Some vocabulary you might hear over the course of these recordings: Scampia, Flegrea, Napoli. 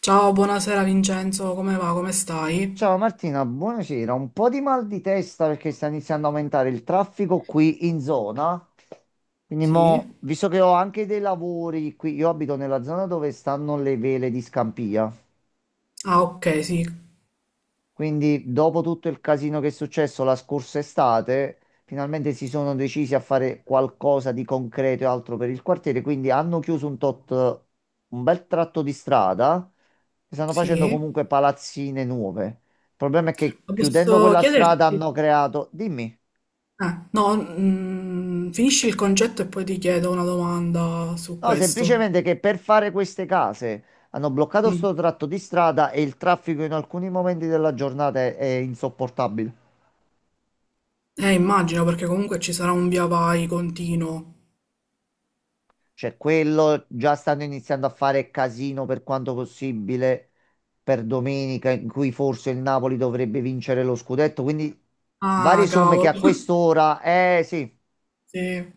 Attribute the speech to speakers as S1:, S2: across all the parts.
S1: Ciao, buonasera Vincenzo, come va? Come
S2: Ciao
S1: stai?
S2: Martina, buonasera. Un po' di mal di testa perché sta iniziando a aumentare il traffico qui in zona. Quindi
S1: Sì?
S2: mo, visto che ho anche dei lavori qui, io abito nella zona dove stanno le vele di Scampia.
S1: Ah, ok, sì,
S2: Quindi, dopo tutto il casino che è successo la scorsa estate, finalmente si sono decisi a fare qualcosa di concreto e altro per il quartiere. Quindi hanno chiuso un tot, un bel tratto di strada e stanno facendo
S1: sì.
S2: comunque palazzine nuove. Il problema è che chiudendo
S1: Posso
S2: quella strada
S1: chiederti?
S2: hanno creato. Dimmi.
S1: No, finisci il concetto e poi ti chiedo una domanda su
S2: No,
S1: questo.
S2: semplicemente che per fare queste case hanno bloccato
S1: Mm.
S2: sto tratto di strada e il traffico in alcuni momenti della giornata è insopportabile.
S1: Immagino perché comunque ci sarà un via vai continuo.
S2: Cioè, quello già stanno iniziando a fare casino per quanto possibile per domenica, in cui forse il Napoli dovrebbe vincere lo scudetto. Quindi, varie
S1: Ah,
S2: somme che
S1: cavolo.
S2: a quest'ora, eh sì,
S1: Sì.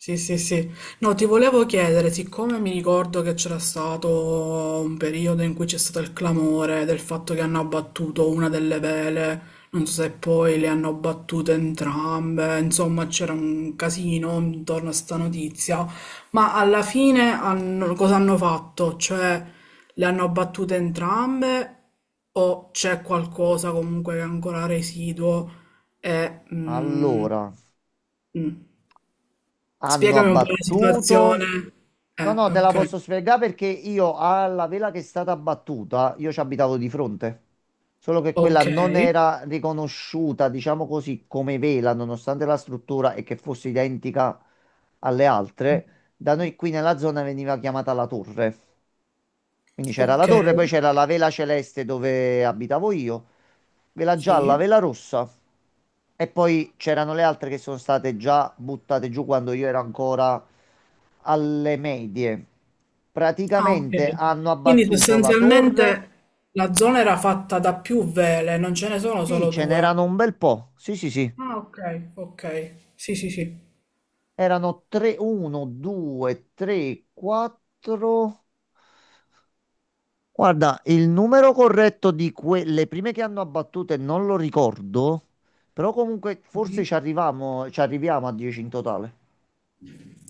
S1: Sì, sì, sì. No, ti volevo chiedere, siccome mi ricordo che c'era stato un periodo in cui c'è stato il clamore del fatto che hanno abbattuto una delle vele, non so se poi le hanno abbattute entrambe, insomma c'era un casino intorno a sta notizia, ma alla fine cosa hanno fatto? Cioè, le hanno abbattute entrambe o c'è qualcosa comunque che è ancora residuo e... mm,
S2: allora
S1: mm.
S2: hanno
S1: Spiegami un po' la
S2: abbattuto.
S1: situazione.
S2: No, no, te la
S1: Ok.
S2: posso spiegare perché io alla vela che è stata abbattuta, io ci abitavo di fronte. Solo che quella
S1: Ok.
S2: non era riconosciuta, diciamo così, come vela, nonostante la struttura e che fosse identica alle altre. Da noi qui nella zona veniva chiamata la torre. Quindi c'era la
S1: Ok.
S2: torre, poi c'era la vela celeste dove abitavo io, vela gialla,
S1: Sì.
S2: vela rossa. E poi c'erano le altre che sono state già buttate giù quando io ero ancora alle medie.
S1: Ah, ok.
S2: Praticamente hanno
S1: Quindi
S2: abbattuto la torre.
S1: sostanzialmente la zona era fatta da più vele, non ce ne sono
S2: Sì,
S1: solo
S2: ce
S1: due.
S2: n'erano un bel po'. Sì, sì, sì.
S1: Ah, ok, ok. Sì, sì, sì.
S2: Erano 3, 1, 2, 3, 4. Guarda, il numero corretto di quelle prime che hanno abbattute non lo ricordo, però comunque forse ci arriviamo a 10 in totale.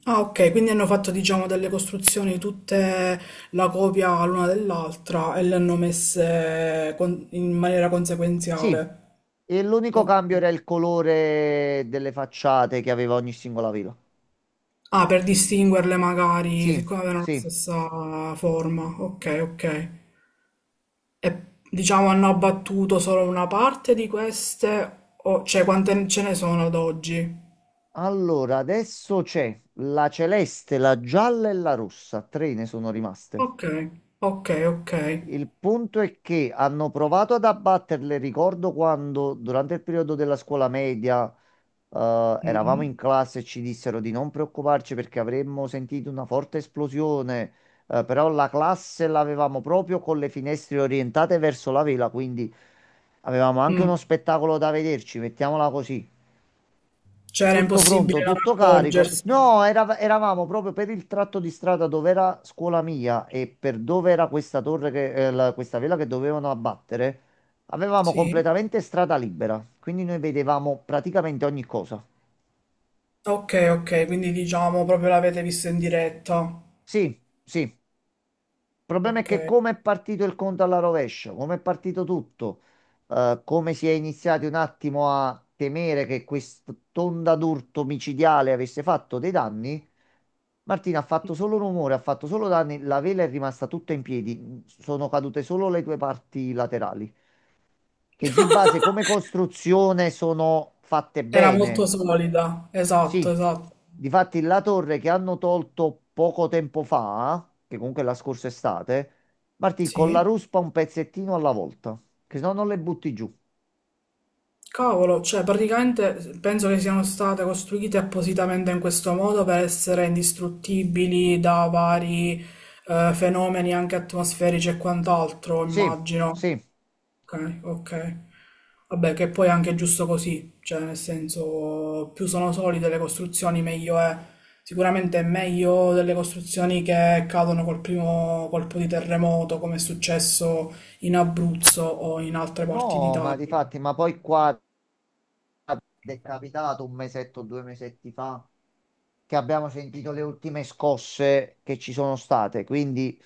S1: Ah, ok, quindi hanno fatto, diciamo, delle costruzioni tutte la copia l'una dell'altra e le hanno messe in maniera
S2: Sì,
S1: conseguenziale.
S2: e l'unico cambio era il colore delle facciate che aveva ogni singola villa.
S1: Ah, per distinguerle magari,
S2: Sì,
S1: siccome avevano la
S2: sì.
S1: stessa forma. Ok, ok. E diciamo hanno abbattuto solo una parte di queste, o cioè quante ce ne sono ad oggi?
S2: Allora, adesso c'è la celeste, la gialla e la rossa, tre ne sono rimaste.
S1: Ok, ok, ok.
S2: Il punto è che hanno provato ad abbatterle, ricordo quando durante il periodo della scuola media. Eravamo in
S1: Mm.
S2: classe e ci dissero di non preoccuparci perché avremmo sentito una forte esplosione, però la classe l'avevamo proprio con le finestre orientate verso la vela, quindi avevamo anche uno
S1: Mm.
S2: spettacolo da vederci, mettiamola così.
S1: Cioè era
S2: Tutto pronto,
S1: impossibile non
S2: tutto carico.
S1: accorgersi.
S2: No, eravamo proprio per il tratto di strada dove era scuola mia e per dove era questa torre che, questa vela che dovevano abbattere. Avevamo
S1: Sì.
S2: completamente strada libera, quindi noi vedevamo praticamente ogni cosa.
S1: Ok, ok, quindi diciamo proprio l'avete vista in diretta.
S2: Sì, sì. Il problema è
S1: Ok.
S2: che come è partito il conto alla rovescia, come è partito tutto, come si è iniziati un attimo a temere che quest'onda d'urto micidiale avesse fatto dei danni, Martina ha fatto solo rumore, ha fatto solo danni, la vela è rimasta tutta in piedi, sono cadute solo le due parti laterali, che di base come costruzione sono fatte
S1: Era molto
S2: bene.
S1: solida. Esatto,
S2: Sì,
S1: esatto.
S2: difatti la torre che hanno tolto poco tempo fa, che comunque è la scorsa estate, Martì, con la
S1: Sì.
S2: ruspa un pezzettino alla volta, che se no non le butti giù.
S1: Cavolo, cioè praticamente penso che siano state costruite appositamente in questo modo per essere indistruttibili da vari fenomeni anche atmosferici e quant'altro,
S2: Sì,
S1: immagino.
S2: sì.
S1: Ok, ok. Vabbè, che poi è anche giusto così, cioè nel senso più sono solide le costruzioni meglio è. Sicuramente è meglio delle costruzioni che cadono col primo colpo di terremoto, come è successo in Abruzzo o in altre parti
S2: No, ma
S1: d'Italia.
S2: difatti, ma poi qua è capitato un mesetto, due mesetti fa, che abbiamo sentito le ultime scosse che ci sono state, quindi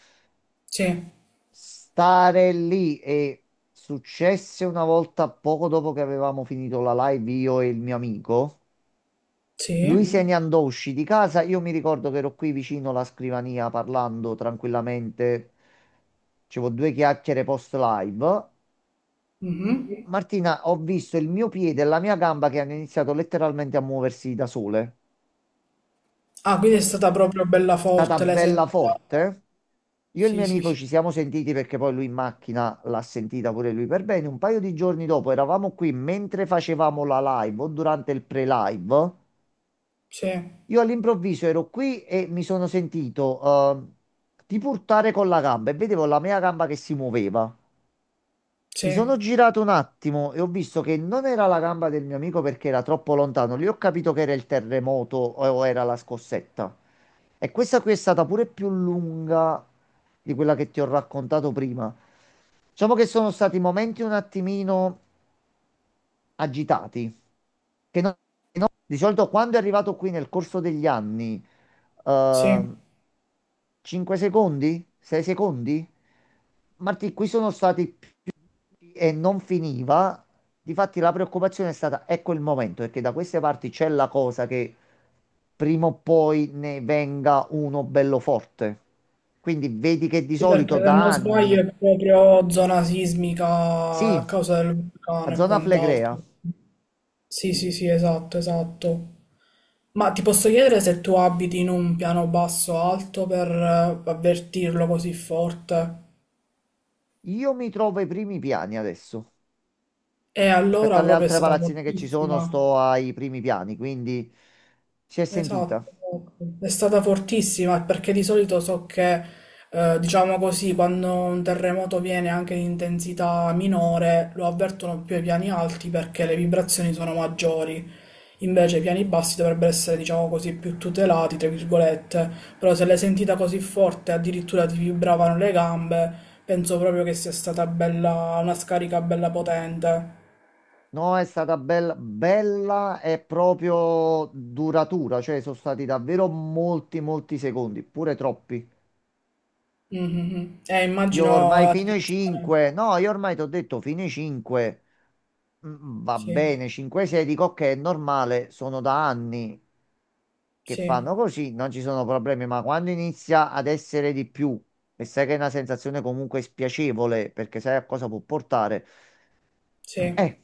S1: Sì.
S2: stare lì e successe una volta poco dopo che avevamo finito la live io e il mio amico.
S1: Sì.
S2: Lui se ne andò, uscì di casa. Io mi ricordo che ero qui vicino alla scrivania parlando tranquillamente. Facevo due chiacchiere post live.
S1: Mhm.
S2: Martina, ho visto il mio piede e la mia gamba che hanno iniziato letteralmente a muoversi da sole.
S1: Ah, quindi è stata proprio bella
S2: È stata
S1: forte, l'hai
S2: bella
S1: sentita?
S2: forte. Io e il
S1: Sì,
S2: mio
S1: sì,
S2: amico ci
S1: sì,
S2: siamo sentiti perché poi lui in macchina l'ha sentita pure lui per bene. Un paio di giorni dopo eravamo qui mentre facevamo la live o durante il pre-live.
S1: sì,
S2: Io all'improvviso ero qui e mi sono sentito tipo urtare con la gamba e vedevo la mia gamba che si muoveva. Mi sono
S1: sì,
S2: girato un attimo e ho visto che non era la gamba del mio amico perché era troppo lontano. Lì ho capito che era il terremoto o era la scossetta. E questa qui è stata pure più lunga di quella che ti ho raccontato prima. Diciamo che sono stati momenti un attimino agitati, che non- di solito quando è arrivato qui nel corso degli anni,
S1: sì.
S2: ehm, 5 secondi? 6 secondi? Martì, qui sono stati e non finiva. Difatti la preoccupazione è stata, ecco il momento, perché da queste parti c'è la cosa che prima o poi ne venga uno bello forte. Quindi vedi che di
S1: Sì,
S2: solito
S1: perché
S2: Zona
S1: se non
S2: da Flegrea.
S1: sbaglio
S2: Anni,
S1: è proprio zona sismica
S2: sì,
S1: a causa del vulcano
S2: a
S1: e
S2: zona
S1: quant'altro.
S2: Flegrea,
S1: Sì, sì, sì, esatto, esatto. Ma ti posso chiedere se tu abiti in un piano basso o alto per avvertirlo così forte?
S2: io mi trovo ai primi piani adesso.
S1: E
S2: Rispetto
S1: allora
S2: alle
S1: proprio è
S2: altre
S1: stata
S2: palazzine che ci sono,
S1: fortissima.
S2: sto ai primi piani, quindi si è
S1: Esatto,
S2: sentita.
S1: esatto. È stata fortissima perché di solito so che, diciamo così, quando un terremoto viene anche in intensità minore, lo avvertono più ai piani alti perché le vibrazioni sono maggiori. Invece i piani bassi dovrebbero essere, diciamo così, più tutelati, tra virgolette. Però se l'hai sentita così forte, addirittura ti vibravano le gambe, penso proprio che sia stata bella, una scarica bella potente.
S2: No, è stata bella, bella e proprio duratura, cioè sono stati davvero molti, molti secondi, pure troppi.
S1: Mhm, mhm.
S2: Io
S1: Immagino
S2: ormai
S1: la
S2: fino ai
S1: situazione.
S2: 5, no, io ormai ti ho detto fino ai 5, va
S1: Sì,
S2: bene, 5-6 dico ok, è normale, sono da anni che fanno
S1: sì.
S2: così, non ci sono problemi, ma quando inizia ad essere di più e sai che è una sensazione comunque spiacevole perché sai a cosa può portare,
S1: Sì,
S2: eh,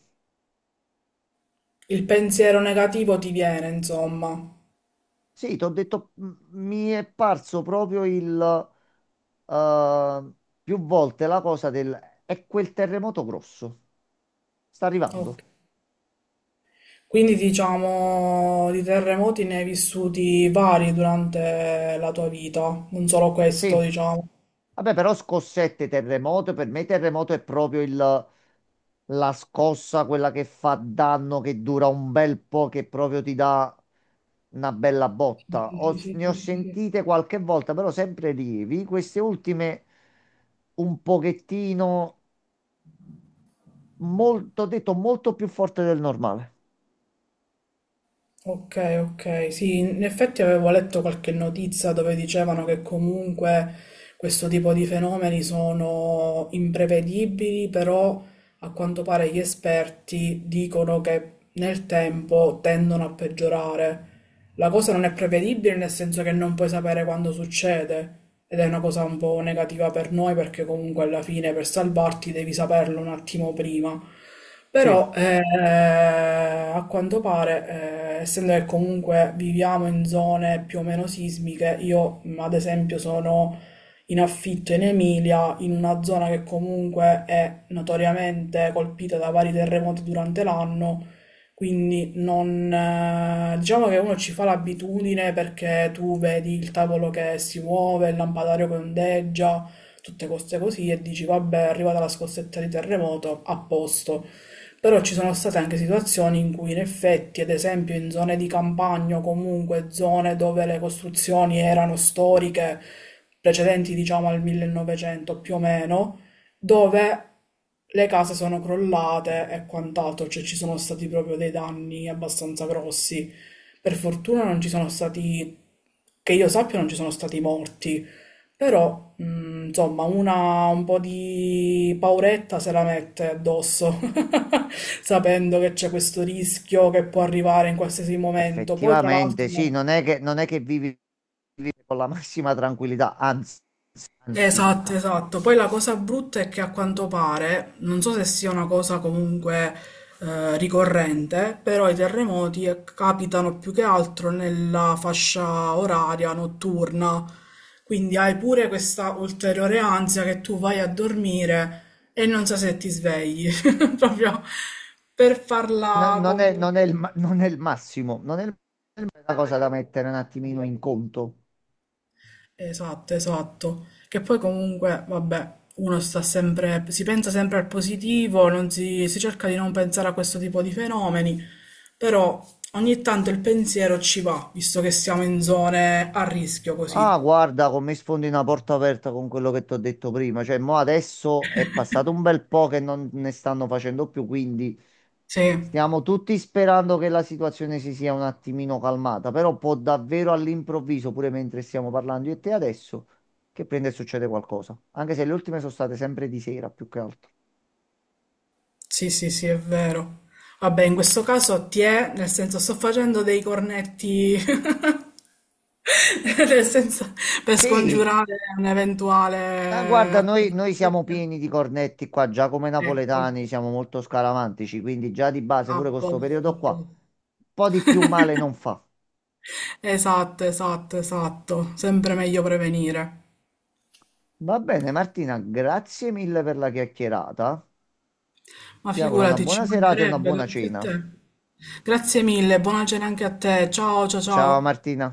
S1: il pensiero negativo ti viene, insomma.
S2: sì, ti ho detto, mi è parso proprio il... eh, più volte la cosa del è quel terremoto grosso. Sta
S1: Ok.
S2: arrivando.
S1: Quindi diciamo di terremoti ne hai vissuti vari durante la tua vita, non solo questo,
S2: Sì.
S1: diciamo.
S2: Vabbè, però scossette, terremoto, per me terremoto è proprio la scossa, quella che fa danno, che dura un bel po', che proprio ti dà una bella
S1: Sì,
S2: botta.
S1: sì, sì,
S2: Ne ho
S1: sì, sì, sì.
S2: sentite qualche volta, però sempre lievi. Queste ultime un pochettino, molto, ho detto, molto più forte del normale.
S1: Ok, ok, sì, in effetti avevo letto qualche notizia dove dicevano che comunque questo tipo di fenomeni sono imprevedibili, però a quanto pare gli esperti dicono che nel tempo tendono a peggiorare. La cosa non è prevedibile nel senso che non puoi sapere quando succede ed è una cosa un po' negativa per noi perché comunque alla fine per salvarti devi saperlo un attimo prima.
S2: Sì,
S1: Però a quanto pare, essendo che comunque viviamo in zone più o meno sismiche, io ad esempio sono in affitto in Emilia, in una zona che comunque è notoriamente colpita da vari terremoti durante l'anno, quindi non, diciamo che uno ci fa l'abitudine perché tu vedi il tavolo che si muove, il lampadario che ondeggia, tutte queste cose così e dici vabbè, è arrivata la scossetta di terremoto, a posto. Però ci sono state anche situazioni in cui in effetti, ad esempio in zone di campagna o comunque zone dove le costruzioni erano storiche, precedenti diciamo al 1900 più o meno, dove le case sono crollate e quant'altro, cioè ci sono stati proprio dei danni abbastanza grossi. Per fortuna non ci sono stati, che io sappia, non ci sono stati morti, però insomma una un po' di pauretta se la mette addosso sapendo che c'è questo rischio che può arrivare in qualsiasi momento. Poi, tra l'altro,
S2: effettivamente, sì,
S1: no.
S2: non è che vivi vive con la massima tranquillità, anzi, anzi,
S1: Esatto, esatto. Poi la cosa brutta è che a quanto pare, non so se sia una cosa comunque ricorrente, però i terremoti capitano più che altro nella fascia oraria notturna. Quindi hai pure questa ulteriore ansia che tu vai a dormire e non sai se ti svegli, proprio per farla
S2: non è,
S1: completa.
S2: non è il, non è il massimo, non è una cosa da mettere un attimino in conto.
S1: Esatto, esatto. Che poi comunque, vabbè, uno sta sempre, si pensa sempre al positivo, non si, si cerca di non pensare a questo tipo di fenomeni, però ogni tanto il pensiero ci va, visto che siamo in zone a rischio
S2: Ah,
S1: così.
S2: guarda, come sfondi una porta aperta con quello che ti ho detto prima, cioè, mo adesso è passato un bel po' che non ne stanno facendo più, quindi
S1: Sì,
S2: stiamo tutti sperando che la situazione si sia un attimino calmata, però può davvero all'improvviso, pure mentre stiamo parlando io e te adesso, che prende e succede qualcosa, anche se le ultime sono state sempre di sera più che altro.
S1: sì, sì, sì, è vero. Vabbè, in questo caso ti è, nel senso sto facendo dei cornetti, nel senso per
S2: Sì,
S1: scongiurare un
S2: ah,
S1: eventuale
S2: guarda, noi siamo
S1: accadimento.
S2: pieni di cornetti qua, già come
S1: Ecco,
S2: napoletani siamo molto scaramantici, quindi già di base
S1: a
S2: pure con questo
S1: posto, a
S2: periodo qua,
S1: posto.
S2: un po' di più male non fa.
S1: Esatto, esatto, esatto. Sempre meglio prevenire.
S2: Va bene, Martina, grazie mille per la chiacchierata.
S1: Ma
S2: Ti auguro una
S1: figurati,
S2: buona
S1: ci
S2: serata e una
S1: mancherebbe,
S2: buona
S1: grazie a
S2: cena.
S1: te. Grazie mille, buona cena anche a te. Ciao, ciao,
S2: Ciao
S1: ciao.
S2: Martina.